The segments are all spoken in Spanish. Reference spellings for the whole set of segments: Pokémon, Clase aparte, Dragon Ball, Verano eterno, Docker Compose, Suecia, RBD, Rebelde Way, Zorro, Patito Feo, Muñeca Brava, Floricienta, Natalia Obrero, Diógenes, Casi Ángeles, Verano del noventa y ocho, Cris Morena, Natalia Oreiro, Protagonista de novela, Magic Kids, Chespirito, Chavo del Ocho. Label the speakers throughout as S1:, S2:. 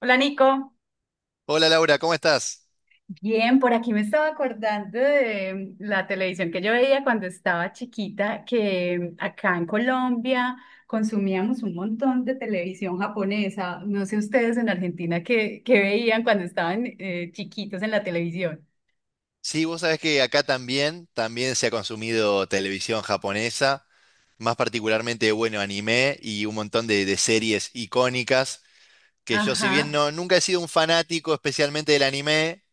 S1: Hola Nico,
S2: Hola Laura, ¿cómo estás?
S1: bien, por aquí me estaba acordando de la televisión que yo veía cuando estaba chiquita, que acá en Colombia consumíamos un montón de televisión japonesa. No sé ustedes en Argentina qué, qué veían cuando estaban chiquitos en la televisión.
S2: Sí, vos sabés que acá también se ha consumido televisión japonesa, más particularmente, bueno, anime y un montón de series icónicas, que yo si bien
S1: Ajá.
S2: no, nunca he sido un fanático especialmente del anime,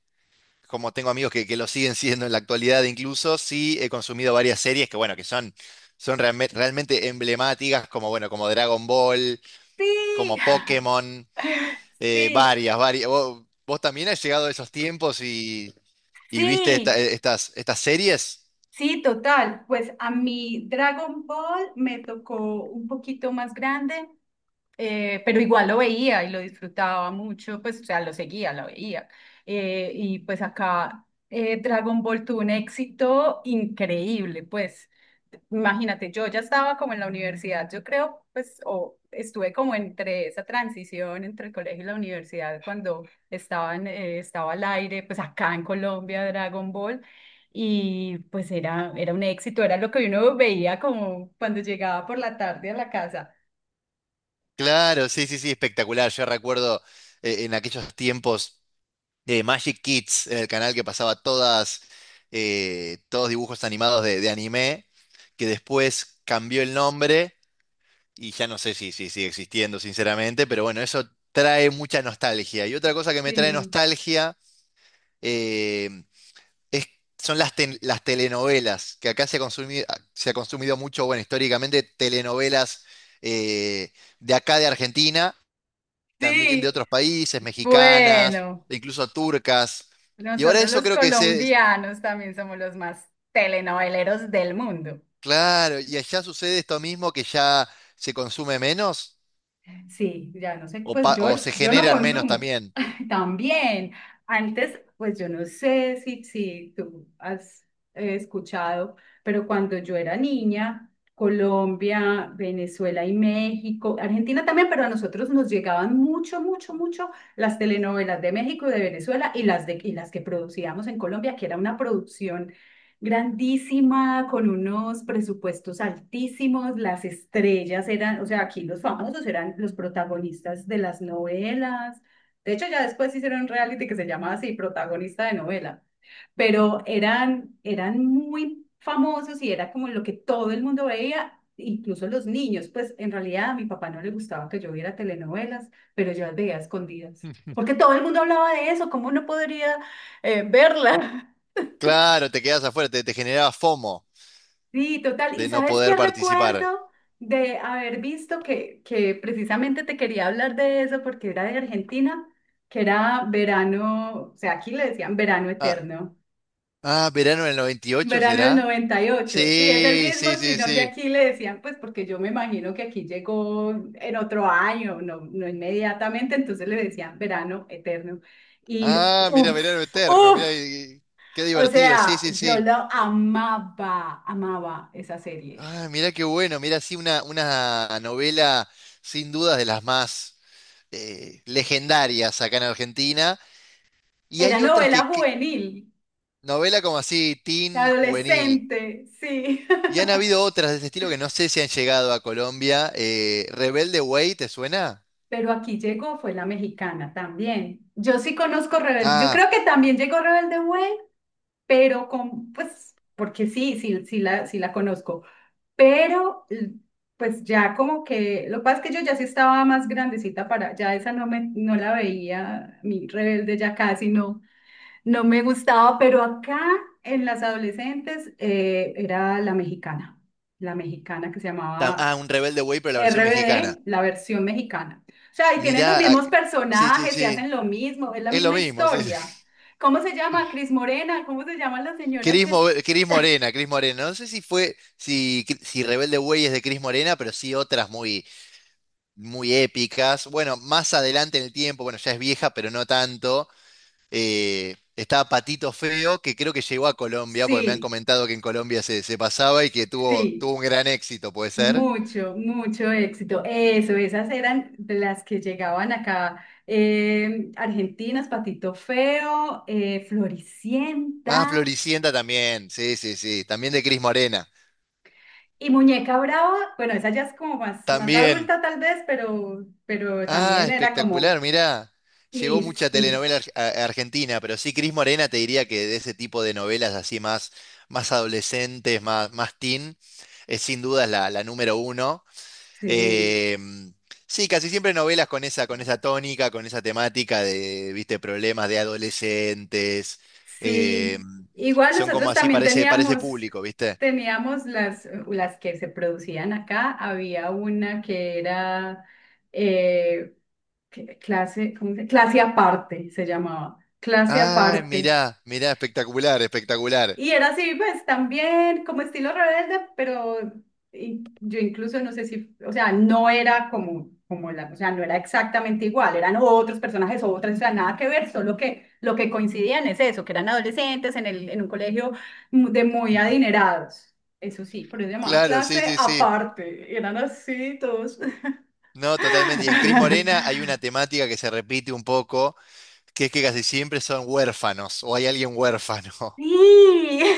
S2: como tengo amigos que lo siguen siendo en la actualidad incluso, sí he consumido varias series que, bueno, que son, realmente emblemáticas, como, bueno, como Dragon Ball,
S1: Sí,
S2: como Pokémon,
S1: sí,
S2: varias. ¿Vos también has llegado a esos tiempos y... ¿Y viste
S1: sí,
S2: estas series?
S1: sí, total. Pues a mí Dragon Ball me tocó un poquito más grande. Pero igual lo veía y lo disfrutaba mucho, pues, o sea, lo seguía, lo veía. Y pues acá Dragon Ball tuvo un éxito increíble, pues, imagínate, yo ya estaba como en la universidad, yo creo, pues, o estuve como entre esa transición entre el colegio y la universidad cuando estaba al aire, pues acá en Colombia Dragon Ball. Y pues era un éxito, era lo que uno veía como cuando llegaba por la tarde a la casa.
S2: Claro, sí, espectacular. Yo recuerdo en aquellos tiempos de Magic Kids, en el canal que pasaba todas, todos dibujos animados de anime, que después cambió el nombre y ya no sé si, si sigue existiendo, sinceramente, pero bueno, eso trae mucha nostalgia. Y otra cosa que me trae
S1: Sí.
S2: nostalgia, eh, es- son las telenovelas, que acá se ha consumido mucho, bueno, históricamente telenovelas eh, de acá de Argentina, también de
S1: Sí,
S2: otros países, mexicanas,
S1: bueno,
S2: e incluso turcas. Y ahora
S1: nosotros
S2: eso
S1: los
S2: creo que se,
S1: colombianos también somos los más telenoveleros del mundo.
S2: claro, y allá sucede esto mismo que ya se consume menos
S1: Sí, ya no sé,
S2: o se
S1: yo no
S2: generan menos
S1: consumo.
S2: también.
S1: También, antes, pues yo no sé si tú has escuchado, pero cuando yo era niña, Colombia, Venezuela y México, Argentina también, pero a nosotros nos llegaban mucho, mucho, mucho las telenovelas de México y de Venezuela y las que producíamos en Colombia, que era una producción grandísima, con unos presupuestos altísimos, las estrellas o sea, aquí los famosos eran los protagonistas de las novelas. De hecho, ya después hicieron un reality que se llamaba así, protagonista de novela, pero eran muy famosos y era como lo que todo el mundo veía, incluso los niños. Pues en realidad a mi papá no le gustaba que yo viera telenovelas, pero yo las veía a escondidas, porque todo el mundo hablaba de eso, ¿cómo no podría verla?
S2: Claro, te quedas afuera, te generaba FOMO
S1: Sí, total. ¿Y
S2: de no
S1: sabes qué
S2: poder participar.
S1: recuerdo de haber visto que precisamente te quería hablar de eso porque era de Argentina, que era verano, o sea, aquí le decían verano
S2: Ah,
S1: eterno,
S2: ah, verano del 98
S1: verano del
S2: será.
S1: 98. Sí, es el
S2: Sí,
S1: mismo,
S2: sí, sí,
S1: sino que
S2: sí.
S1: aquí le decían, pues porque yo me imagino que aquí llegó en otro año, no inmediatamente, entonces le decían verano eterno. Y
S2: Ah, mira, verano
S1: uff,
S2: eterno,
S1: uff,
S2: mira, qué
S1: o
S2: divertido, sí,
S1: sea,
S2: sí,
S1: yo
S2: sí.
S1: lo amaba, amaba esa serie.
S2: Ah, mira qué bueno, mira, sí, una novela sin dudas de las más legendarias acá en Argentina. Y
S1: Era
S2: hay otras
S1: novela
S2: que
S1: juvenil,
S2: novela como así, teen, juvenil.
S1: adolescente, sí.
S2: Y han habido otras de ese estilo que no sé si han llegado a Colombia. Rebelde Way, ¿te suena?
S1: Pero aquí llegó, fue la mexicana también. Yo sí conozco Rebelde, yo
S2: Ah,
S1: creo que también llegó Rebelde Way, porque sí la conozco. Pero, l- pues ya como que, lo que pasa es que yo ya sí estaba más grandecita para, ya esa no la veía, mi Rebelde ya casi no, no me gustaba, pero acá en las adolescentes era la mexicana que se llamaba
S2: un Rebelde Way, pero la versión mexicana.
S1: RBD, la versión mexicana. O sea, y tienen los
S2: Mirá, ah,
S1: mismos
S2: sí, sí,
S1: personajes y
S2: sí,
S1: hacen lo mismo, es la
S2: es lo
S1: misma
S2: mismo, sí.
S1: historia. ¿Cómo se llama? Cris Morena, ¿cómo se llama la señora que es?
S2: Cris Morena. No sé si fue, si, si Rebelde Way es de Cris Morena, pero sí otras muy épicas. Bueno, más adelante en el tiempo, bueno, ya es vieja, pero no tanto. Eh, estaba Patito Feo, que creo que llegó a Colombia, porque me han
S1: Sí,
S2: comentado que en Colombia se, se pasaba y que tuvo
S1: sí,
S2: un gran éxito, ¿puede ser?
S1: mucho, mucho éxito. Eso, esas eran de las que llegaban acá. Argentinas, Patito Feo,
S2: Ah,
S1: Floricienta.
S2: Floricienta también, sí, también de Cris Morena.
S1: Y Muñeca Brava, bueno, esa ya es como más, más
S2: También.
S1: adulta tal vez, pero
S2: Ah,
S1: también era como,
S2: espectacular, mirá. Llegó
S1: sí,
S2: mucha
S1: sí.
S2: telenovela argentina, pero sí, Cris Morena te diría que de ese tipo de novelas así más, más adolescentes, más teen, es sin duda la número uno.
S1: Sí,
S2: Eh, sí, casi siempre novelas con con esa tónica, con esa temática de, viste, problemas de adolescentes. Eh,
S1: sí, igual
S2: son como
S1: nosotros
S2: así,
S1: también
S2: parece
S1: teníamos,
S2: público, ¿viste?
S1: teníamos las que se producían acá. Había una que era eh, clase, clase aparte, se llamaba. Clase
S2: Ay,
S1: aparte.
S2: mirá, espectacular.
S1: Y era así, pues también como estilo rebelde, pero yo incluso no sé si, o sea, no era como, como la, o sea, no era exactamente igual, eran otros personajes, o otras, o sea, nada que ver, solo que lo que coincidían es eso, que eran adolescentes en en un colegio de muy adinerados. Eso sí, pero yo llamaba
S2: Claro, sí,
S1: clase
S2: sí, sí.
S1: aparte, eran así todos.
S2: No, totalmente. Y en Cris Morena hay una temática que se repite un poco, que es que casi siempre son huérfanos o hay alguien huérfano.
S1: Sí.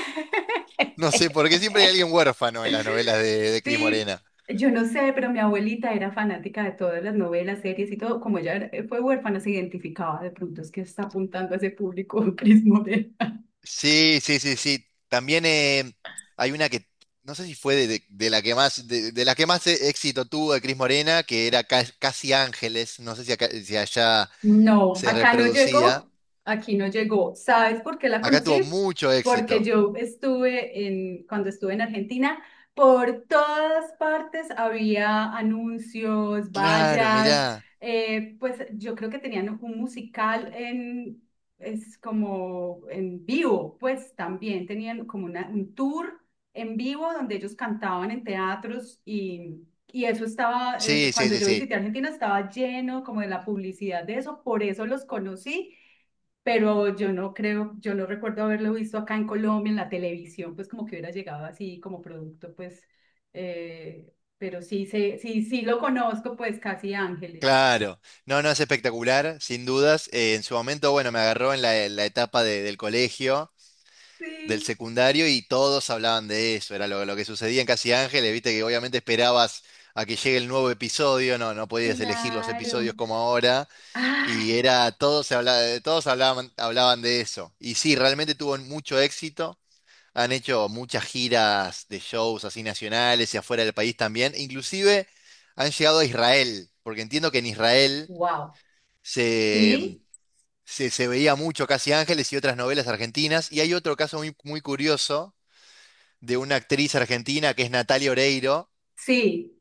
S2: No sé, por qué siempre hay alguien huérfano en las novelas de Cris
S1: Sí,
S2: Morena.
S1: yo no sé, pero mi abuelita era fanática de todas las novelas, series y todo. Como fue huérfana, se identificaba. De pronto es que está apuntando a ese público, Cris Morena.
S2: Sí. También hay una que, no sé si fue de la que más, de la que más éxito tuvo de Cris Morena, que era Casi Ángeles. No sé si, si allá
S1: No,
S2: se
S1: acá no
S2: reproducía.
S1: llegó, aquí no llegó. ¿Sabes por qué la
S2: Acá tuvo
S1: conocí?
S2: mucho
S1: Porque
S2: éxito.
S1: cuando estuve en Argentina, por todas partes había anuncios,
S2: Claro,
S1: vallas,
S2: mirá.
S1: eh, Pues yo creo que tenían un musical en, es como en vivo, pues también tenían como un tour en vivo donde ellos cantaban en teatros y... Y eso estaba,
S2: Sí, sí,
S1: cuando
S2: sí,
S1: yo
S2: sí.
S1: visité Argentina, estaba lleno como de la publicidad de eso, por eso los conocí, pero yo no creo, yo no recuerdo haberlo visto acá en Colombia, en la televisión, pues como que hubiera llegado así como producto, pero sí, sí lo conozco, pues casi Ángeles.
S2: Claro, no, no es espectacular, sin dudas. En su momento, bueno, me agarró en en la etapa del colegio, del
S1: Sí,
S2: secundario, y todos hablaban de eso. Era lo que sucedía en Casi Ángeles, viste que obviamente esperabas a que llegue el nuevo episodio, no podías elegir los
S1: claro.
S2: episodios como ahora, y
S1: Ay,
S2: era, todos se hablaba, todos hablaban de eso. Y sí, realmente tuvo mucho éxito. Han hecho muchas giras de shows así nacionales y afuera del país también. Inclusive han llegado a Israel, porque entiendo que en Israel
S1: wow.
S2: se, mm,
S1: Sí,
S2: se veía mucho Casi Ángeles y otras novelas argentinas. Y hay otro caso muy curioso de una actriz argentina que es Natalia Oreiro,
S1: sí.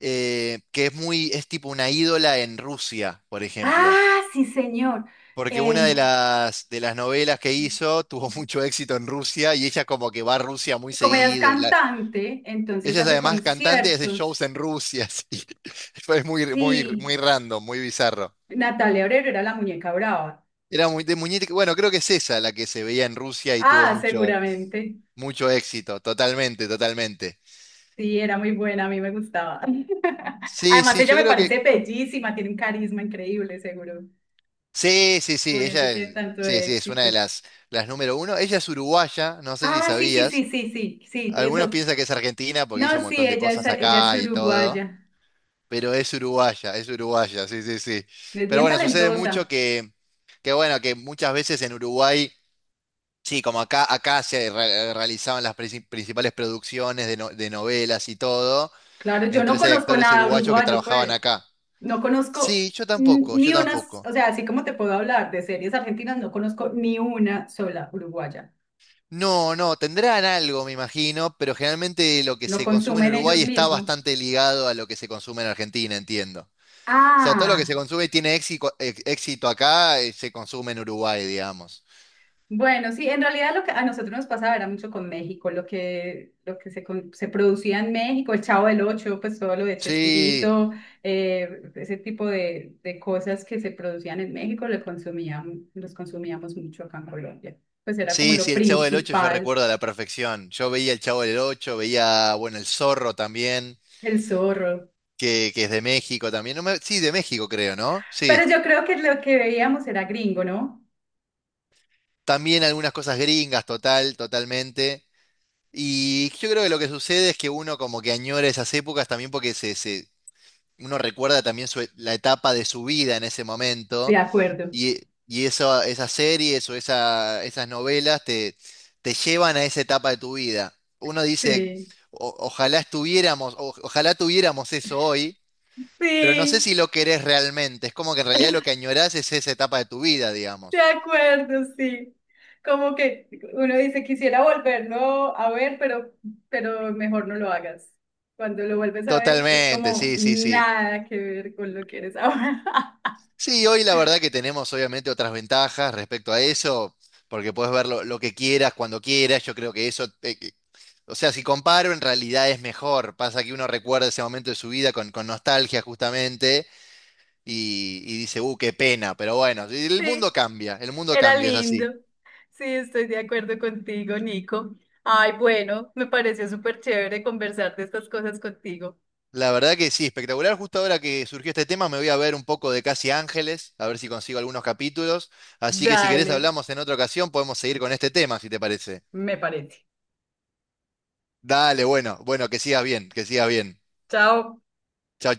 S2: que es muy, es tipo una ídola en Rusia, por ejemplo.
S1: Ah, sí, señor.
S2: Porque una de
S1: Eh,
S2: de las novelas que hizo tuvo mucho éxito en Rusia y ella como que va a Rusia muy
S1: Como ella es
S2: seguido. Y la,
S1: cantante, entonces
S2: ella es
S1: hace
S2: además cantante y hace shows
S1: conciertos.
S2: en Rusia. así. Fue
S1: Sí,
S2: muy random, muy bizarro.
S1: Natalia Obrero era la muñeca brava.
S2: Era muy de muñeca. Bueno, creo que es esa la que se veía en Rusia y tuvo
S1: Ah,
S2: mucho,
S1: seguramente.
S2: mucho éxito, totalmente.
S1: Sí, era muy buena, a mí me gustaba.
S2: Sí,
S1: Además,
S2: sí,
S1: ella
S2: yo
S1: me
S2: creo que...
S1: parece bellísima, tiene un carisma increíble, seguro.
S2: Sí,
S1: Por eso
S2: ella es,
S1: tiene tanto
S2: sí, es una de
S1: éxito.
S2: las número uno. Ella es uruguaya, no sé si
S1: Ah, sí, sí, sí,
S2: sabías.
S1: sí, sí, sí,
S2: Algunos
S1: eso.
S2: piensan que es argentina porque hizo
S1: No,
S2: un
S1: sí,
S2: montón de cosas
S1: ella es
S2: acá y todo,
S1: uruguaya.
S2: pero es uruguaya, sí.
S1: Es
S2: Pero
S1: bien
S2: bueno, sucede mucho
S1: talentosa.
S2: que bueno, que muchas veces en Uruguay, sí, como acá realizaban las principales producciones de, no- de novelas y todo,
S1: Claro, yo no
S2: entonces hay
S1: conozco
S2: actores
S1: nada
S2: uruguayos que
S1: uruguayo,
S2: trabajaban
S1: pues.
S2: acá.
S1: No conozco
S2: Yo
S1: ni unas,
S2: tampoco.
S1: o sea, así como te puedo hablar de series argentinas, no conozco ni una sola uruguaya.
S2: No, no, tendrán algo, me imagino, pero generalmente lo que
S1: Lo
S2: se consume en
S1: consumen ellos
S2: Uruguay está
S1: mismos.
S2: bastante ligado a lo que se consume en Argentina, entiendo. O sea, todo lo que se
S1: Ah,
S2: consume y tiene éxito acá, se consume en Uruguay, digamos.
S1: bueno, sí, en realidad lo que a nosotros nos pasaba era mucho con México, lo que se, con- se producía en México, el Chavo del Ocho, pues todo lo de
S2: Sí,
S1: Chespirito, ese tipo de cosas que se producían en México, los consumíamos mucho acá en Colombia. Pues era como
S2: sí,
S1: lo
S2: sí, el Chavo del Ocho yo
S1: principal,
S2: recuerdo a la perfección. Yo veía el Chavo del Ocho, veía, bueno, el Zorro también,
S1: el zorro.
S2: que es de México también. No me- sí, de México creo, ¿no?
S1: Pero
S2: Sí.
S1: yo creo que lo que veíamos era gringo, ¿no?
S2: También algunas cosas gringas, totalmente. Y yo creo que lo que sucede es que uno como que añora esas épocas también porque uno recuerda también su la etapa de su vida en ese
S1: De
S2: momento
S1: acuerdo.
S2: y, y eso, esas series esas novelas te, te llevan a esa etapa de tu vida. Uno dice,
S1: Sí.
S2: Ojalá estuviéramos, ojalá tuviéramos eso hoy, pero no sé
S1: Sí.
S2: si lo querés realmente. Es como que en realidad lo que añorás es esa etapa de tu vida,
S1: De
S2: digamos.
S1: acuerdo, sí. Como que uno dice, quisiera volverlo a ver, pero mejor no lo hagas. Cuando lo vuelves a ver, es
S2: Totalmente,
S1: como
S2: sí.
S1: nada que ver con lo que eres ahora.
S2: Sí, hoy la verdad que tenemos obviamente otras ventajas respecto a eso, porque puedes ver lo que quieras, cuando quieras, yo creo que eso, o sea, si comparo en realidad es mejor, pasa que uno recuerda ese momento de su vida con nostalgia justamente y dice, qué pena, pero bueno,
S1: Sí,
S2: el mundo
S1: era
S2: cambia, es así.
S1: lindo. Sí, estoy de acuerdo contigo, Nico. Ay, bueno, me pareció súper chévere conversar de estas cosas contigo.
S2: La verdad que sí, espectacular, justo ahora que surgió este tema me voy a ver un poco de Casi Ángeles, a ver si consigo algunos capítulos, así que si querés
S1: Dale,
S2: hablamos en otra ocasión, podemos seguir con este tema, si te parece.
S1: me parece.
S2: Dale, bueno, que sigas bien.
S1: Chao.
S2: Chao, chao.